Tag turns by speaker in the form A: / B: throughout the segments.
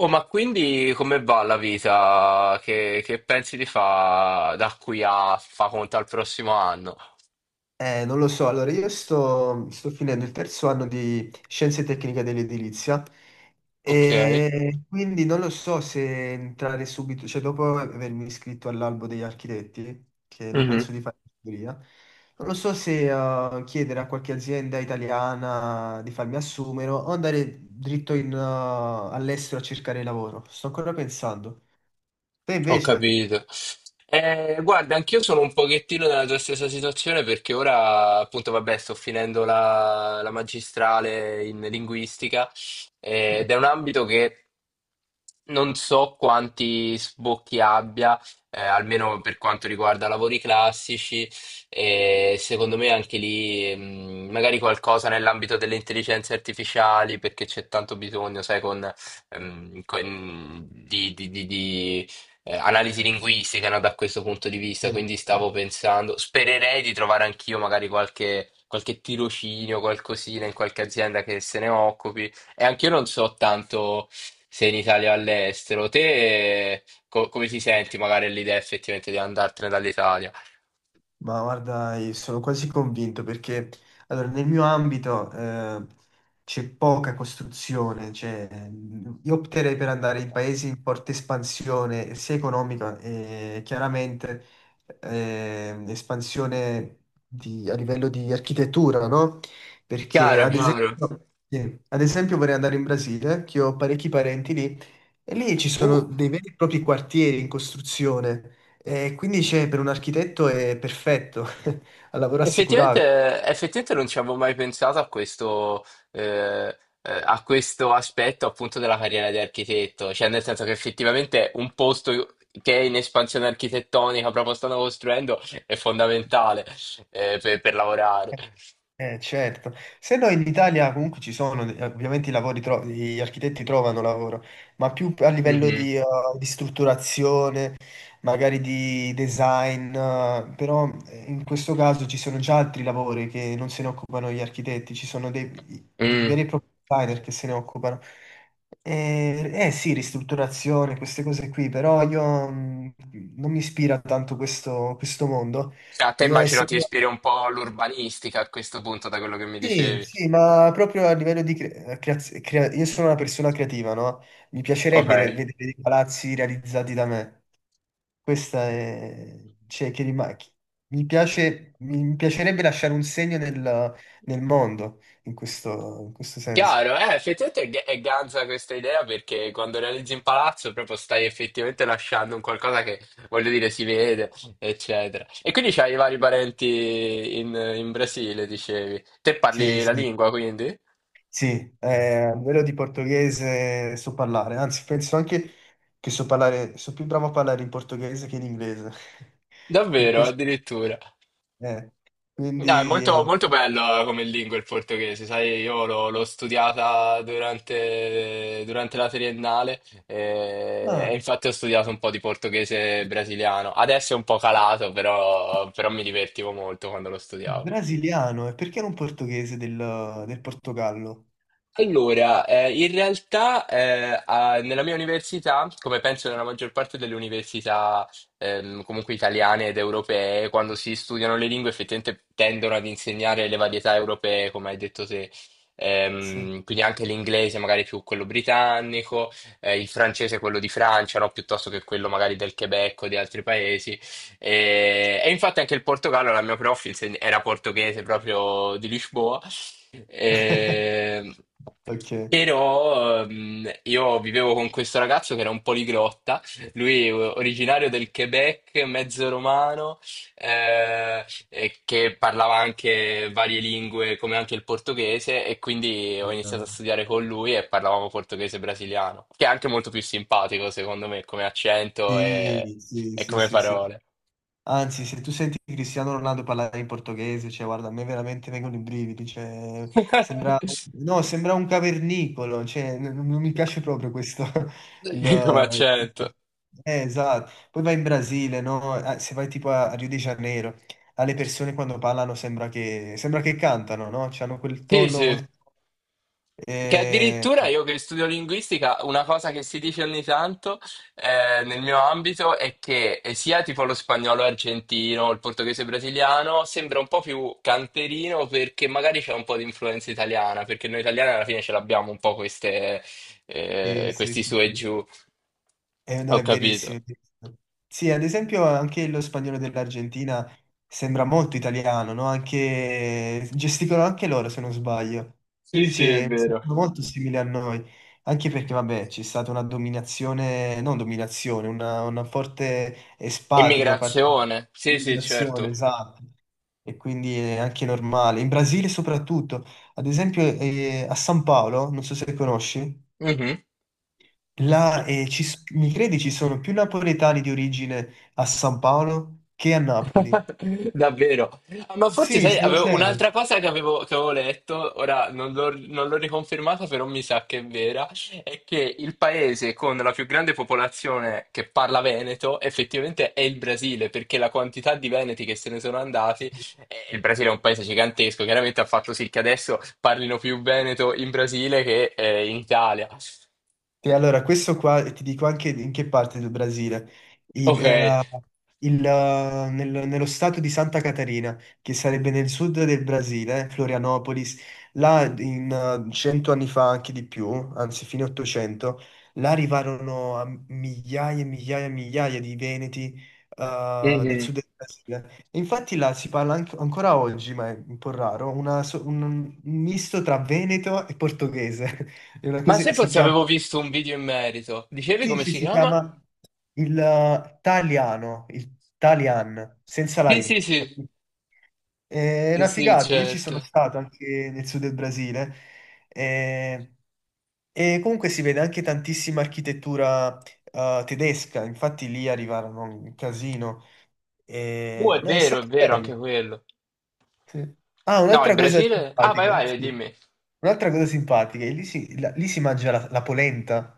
A: Oh, ma quindi come va la vita? Che pensi di fare da qui a fa conto al prossimo anno?
B: Non lo so, allora io sto finendo il terzo anno di Scienze Tecniche dell'Edilizia
A: Ok.
B: e quindi non lo so se entrare subito, cioè dopo avermi iscritto all'albo degli architetti, che non penso di fare ingegneria, non lo so se chiedere a qualche azienda italiana di farmi assumere o andare dritto all'estero a cercare lavoro. Sto ancora pensando. Te
A: Ho
B: invece?
A: capito. Guarda, anch'io sono un pochettino nella tua stessa situazione perché ora, appunto, vabbè, sto finendo la magistrale in linguistica ed è un ambito che non so quanti sbocchi abbia, almeno per quanto riguarda lavori classici, e secondo me anche lì, magari qualcosa nell'ambito delle intelligenze artificiali perché c'è tanto bisogno, sai, con- di analisi linguistiche, no, da questo punto di vista,
B: Eh,
A: quindi stavo pensando, spererei di trovare anch'io magari qualche tirocinio, qualcosina in qualche azienda che se ne occupi. E anch'io non so tanto se in Italia o all'estero. Te come ti senti magari l'idea effettivamente di andartene dall'Italia?
B: Ma guarda, io sono quasi convinto perché allora, nel mio ambito c'è poca costruzione, cioè, io opterei per andare in paesi in forte espansione sia economica e chiaramente espansione a livello di architettura, no? Perché
A: Chiaro,
B: ad
A: chiaro.
B: esempio, sì, ad esempio vorrei andare in Brasile, che ho parecchi parenti lì, e lì ci sono
A: Uh.
B: dei veri e propri quartieri in costruzione e quindi c'è, per un architetto è perfetto, ha lavoro assicurato.
A: Effettivamente, effettivamente non ci avevo mai pensato eh, a questo aspetto appunto della carriera di architetto, cioè nel senso che effettivamente un posto che è in espansione architettonica proprio stanno costruendo è fondamentale per lavorare.
B: Certo, se no in Italia comunque ci sono, ovviamente i lavori gli architetti trovano lavoro, ma più a livello
A: Mhm.
B: di strutturazione, magari di design, però in questo caso ci sono già altri lavori che non se ne occupano gli architetti, ci sono dei
A: Mm.
B: veri e propri designer che se ne occupano. Eh sì, ristrutturazione, queste cose qui, però io mm, non mi ispira tanto questo mondo.
A: A te
B: Io
A: immagino ti
B: essendo
A: ispiri un po' l'urbanistica a questo punto da quello che mi
B: Sì,
A: dicevi.
B: sì, ma proprio a livello di io sono una persona creativa, no? Mi
A: Ok.
B: piacerebbe vedere dei palazzi realizzati da me. Cioè, che rima- chi- mi piace... mi piacerebbe lasciare un segno nel mondo, in questo senso.
A: Chiaro, effettivamente è ganza questa idea perché quando realizzi un palazzo proprio stai effettivamente lasciando un qualcosa che, voglio dire, si vede, eccetera. E quindi c'hai i vari parenti in Brasile, dicevi. Te
B: Sì,
A: parli la
B: sì.
A: lingua, quindi?
B: Sì, a livello di portoghese so parlare, anzi penso anche che so parlare, so più bravo a parlare in portoghese che in inglese. Per
A: Davvero,
B: questo...
A: addirittura.
B: eh,
A: No, è molto,
B: Quindi...
A: molto bello come lingua il portoghese, sai, io l'ho studiata durante la triennale e,
B: Ah.
A: infatti ho studiato un po' di portoghese brasiliano. Adesso è un po' calato, però mi divertivo molto quando lo studiavo.
B: Brasiliano, e perché non portoghese del Portogallo?
A: Allora, in realtà nella mia università, come penso nella maggior parte delle università comunque italiane ed europee, quando si studiano le lingue effettivamente tendono ad insegnare le varietà europee, come hai detto te.
B: Sì.
A: Quindi anche l'inglese magari più quello britannico, il francese quello di Francia, no? Piuttosto che quello magari del Quebec o di altri paesi. E infatti anche il Portogallo, la mia prof era portoghese proprio di Lisboa. Eh,
B: Ok.
A: però io vivevo con questo ragazzo che era un poliglotta, lui originario del Quebec, mezzo romano, e che parlava anche varie lingue come anche il portoghese e quindi ho iniziato a studiare con lui e parlavamo portoghese brasiliano, che è anche molto più simpatico secondo me come accento e,
B: Sì, sì,
A: e
B: sì,
A: come
B: sì, sì.
A: parole.
B: Anzi, se tu senti Cristiano Ronaldo parlare in portoghese, cioè, guarda, a me veramente vengono i brividi, cioè, sembra, no, sembra un cavernicolo, cioè, non, mi piace proprio questo.
A: Come
B: il-
A: accento.
B: esatto. Poi vai in Brasile, no? Se vai tipo a Rio de Janeiro, alle persone quando parlano sembra che cantano, no? C'hanno quel
A: Sì,
B: tono
A: sì.
B: molto...
A: Che
B: Eh,
A: addirittura io che studio linguistica, una cosa che si dice ogni tanto nel mio ambito è che sia tipo lo spagnolo argentino, il portoghese brasiliano, sembra un po' più canterino perché magari c'è un po' di influenza italiana, perché noi italiani alla fine ce l'abbiamo un po'
B: sì, sì,
A: questi
B: sì,
A: su e
B: sì.
A: giù.
B: No,
A: Ho
B: è verissimo.
A: capito.
B: È verissimo. Sì, ad esempio anche lo spagnolo dell'Argentina sembra molto italiano, no? Anche... Gesticolano anche loro, se non sbaglio.
A: Sì,
B: Quindi
A: sì, è
B: c'è... sono
A: vero.
B: molto simili a noi. Anche perché, vabbè, c'è stata una dominazione, non dominazione, una forte espatrio da parte
A: Immigrazione. Sì, sì,
B: dell'immigrazione,
A: certo.
B: esatto. E quindi è anche normale. In Brasile soprattutto, ad esempio a San Paolo, non so se conosci.
A: Mhm.
B: Là, mi credi ci sono più napoletani di origine a San Paolo che a Napoli?
A: Davvero. Ah, ma forse
B: Sì,
A: sai,
B: sono
A: avevo
B: serio.
A: un'altra cosa che avevo, letto, ora non l'ho riconfermata, però mi sa che è vera, è che il paese con la più grande popolazione che parla veneto effettivamente è il Brasile, perché la quantità di veneti che se ne sono andati, il Brasile è un paese gigantesco, chiaramente ha fatto sì che adesso parlino più veneto in Brasile che in Italia.
B: Sì, allora, questo qua ti dico anche in che parte del Brasile.
A: Ok.
B: Era nello stato di Santa Catarina, che sarebbe nel sud del Brasile, Florianopolis, là in 100 anni fa, anche di più, anzi fine 800, là arrivarono a migliaia e migliaia e migliaia di veneti nel
A: Mhm.
B: sud del Brasile. E infatti là si parla ancora oggi, ma è un po' raro, un misto tra veneto e portoghese. È una
A: Ma
B: cosa,
A: se
B: si
A: forse
B: chiama,
A: avevo visto un video in merito, dicevi
B: sì,
A: come
B: sì,
A: si
B: si
A: chiama?
B: chiama il Taliano, il Talian, senza la
A: Sì, sì,
B: I.
A: sì.
B: Capito? È
A: Sì,
B: una
A: sì,
B: figata, io ci sono
A: certo.
B: stato anche nel sud del Brasile eh, comunque si vede anche tantissima architettura tedesca, infatti lì arrivarono un casino. E, no, è
A: È
B: stato
A: vero, anche
B: bello.
A: quello.
B: Sì. Ah,
A: No, il
B: un'altra cosa
A: Brasile... Ah, vai,
B: simpatica,
A: vai,
B: sì.
A: dimmi.
B: Un'altra cosa simpatica, e lì si mangia la polenta.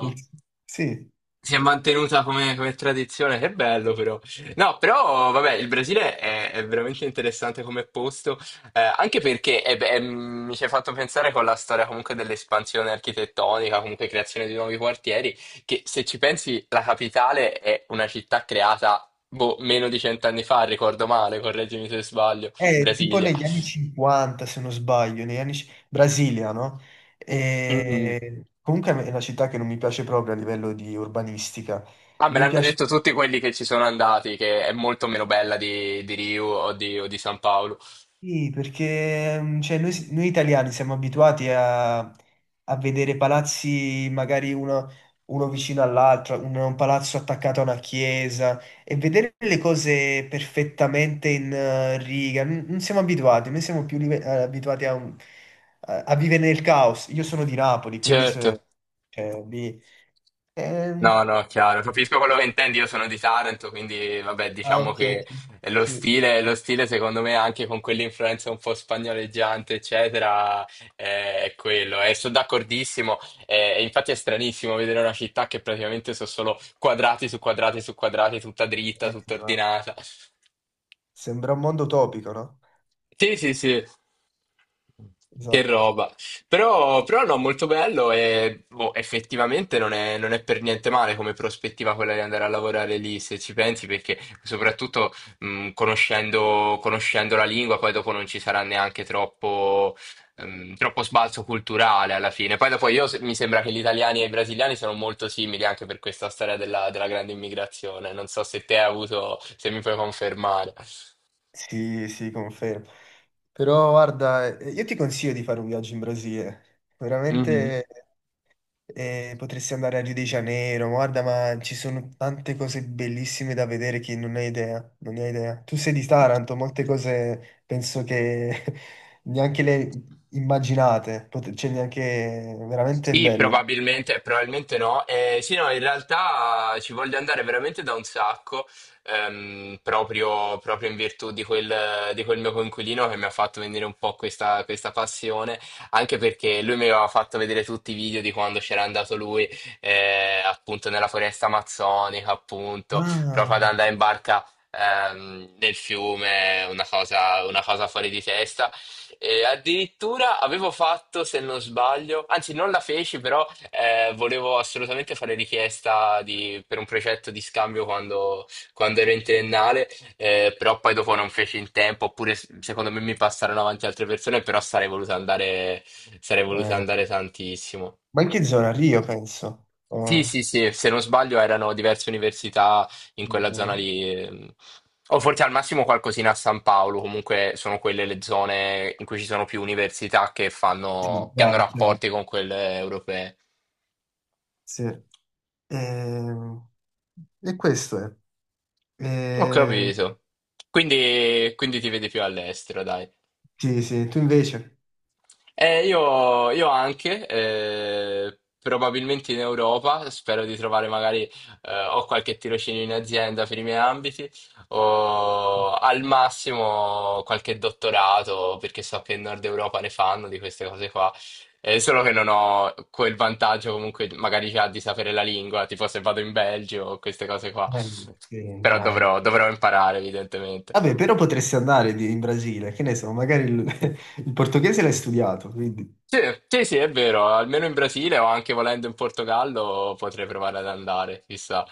B: Il- Sì.
A: Si è mantenuta come tradizione, che bello però. No, però, vabbè, il Brasile è veramente interessante come posto, anche perché beh, mi ci hai fatto pensare con la storia comunque dell'espansione architettonica, comunque creazione di nuovi quartieri, che se ci pensi la capitale è una città creata, boh, meno di cent'anni fa, ricordo male, correggimi se sbaglio,
B: Tipo
A: Brasilia.
B: negli anni 50, se non sbaglio, Brasilia, no?
A: Mm.
B: E... Comunque è una città che non mi piace proprio a livello di urbanistica.
A: Ah, me
B: Non mi
A: l'hanno
B: piace.
A: detto tutti quelli che ci sono andati, che è molto meno bella di Rio o o di San Paolo.
B: Sì, perché cioè, noi italiani siamo abituati a vedere palazzi magari uno vicino all'altro, un palazzo attaccato a una chiesa e vedere le cose perfettamente in riga. Non siamo abituati, noi siamo più abituati a vivere nel caos. Io sono di Napoli, quindi
A: Certo.
B: se, cioè, lì... ehm,
A: No, no, chiaro, capisco quello che intendi, io sono di Taranto, quindi vabbè,
B: ah,
A: diciamo
B: ok,
A: che
B: ok. Sì.
A: lo stile secondo me anche con quell'influenza un po' spagnoleggiante, eccetera, è quello. E sono d'accordissimo, e infatti è stranissimo vedere una città che praticamente sono solo quadrati su quadrati su quadrati, tutta dritta, tutta
B: No.
A: ordinata.
B: Sembra un mondo utopico, no?
A: Sì, sì, sì. Che
B: Esatto.
A: roba. Però no, molto bello e boh, effettivamente non è per niente male come prospettiva quella di andare a lavorare lì, se ci pensi, perché soprattutto conoscendo, conoscendo la lingua, poi dopo non ci sarà neanche troppo, troppo sbalzo culturale alla fine. Poi dopo io mi sembra che gli italiani e i brasiliani sono molto simili anche per questa storia della grande immigrazione. Non so se te hai avuto, se mi puoi confermare.
B: Sì, sì, confermo. Però guarda, io ti consiglio di fare un viaggio in Brasile.
A: Mhm.
B: Veramente potresti andare a Rio de Janeiro, guarda, ma ci sono tante cose bellissime da vedere che non hai idea, non ne hai idea. Tu sei di Taranto, molte cose penso che neanche le immaginate, cioè neanche veramente
A: Sì,
B: bello.
A: probabilmente, probabilmente no. Sì, no, in realtà ci voglio andare veramente da un sacco, proprio, proprio in virtù di quel mio coinquilino che mi ha fatto venire un po' questa passione, anche perché lui mi aveva fatto vedere tutti i video di quando c'era andato lui, appunto nella foresta amazzonica, appunto,
B: Ah,
A: proprio ad andare in barca. Nel fiume, una cosa fuori di testa e addirittura avevo fatto, se non sbaglio, anzi non la feci, però volevo assolutamente fare richiesta per un progetto di scambio quando, ero in triennale, però poi dopo non feci in tempo, oppure secondo me mi passarono avanti altre persone, però sarei voluto
B: eh,
A: andare tantissimo.
B: ma in che zona? Rio, penso.
A: Sì, sì,
B: Oh,
A: sì, se non sbaglio erano diverse università in quella zona
B: eh,
A: lì, o forse al massimo qualcosina a San Paolo, comunque sono quelle le zone in cui ci sono più università che
B: sì,
A: fanno, che hanno
B: chiaro, chiaro.
A: rapporti con quelle europee.
B: Sì. E, e questo è.
A: Ho
B: E-
A: capito. Quindi, quindi ti vedi più all'estero, dai.
B: sì, sì, tu invece?
A: Io, anche probabilmente in Europa, spero di trovare magari, o qualche tirocinio in azienda per i miei ambiti, o al massimo qualche dottorato, perché so che in Nord Europa ne fanno di queste cose qua. Solo che non ho quel vantaggio comunque magari già di sapere la lingua, tipo se vado in Belgio o queste cose qua.
B: Eh, sì,
A: Però
B: dai.
A: dovrò imparare, evidentemente.
B: Vabbè, però potresti andare in Brasile, che ne so, magari il, il portoghese l'hai studiato, quindi...
A: Sì, sì, sì, è vero, almeno in Brasile o anche volendo in Portogallo potrei provare ad andare, chissà.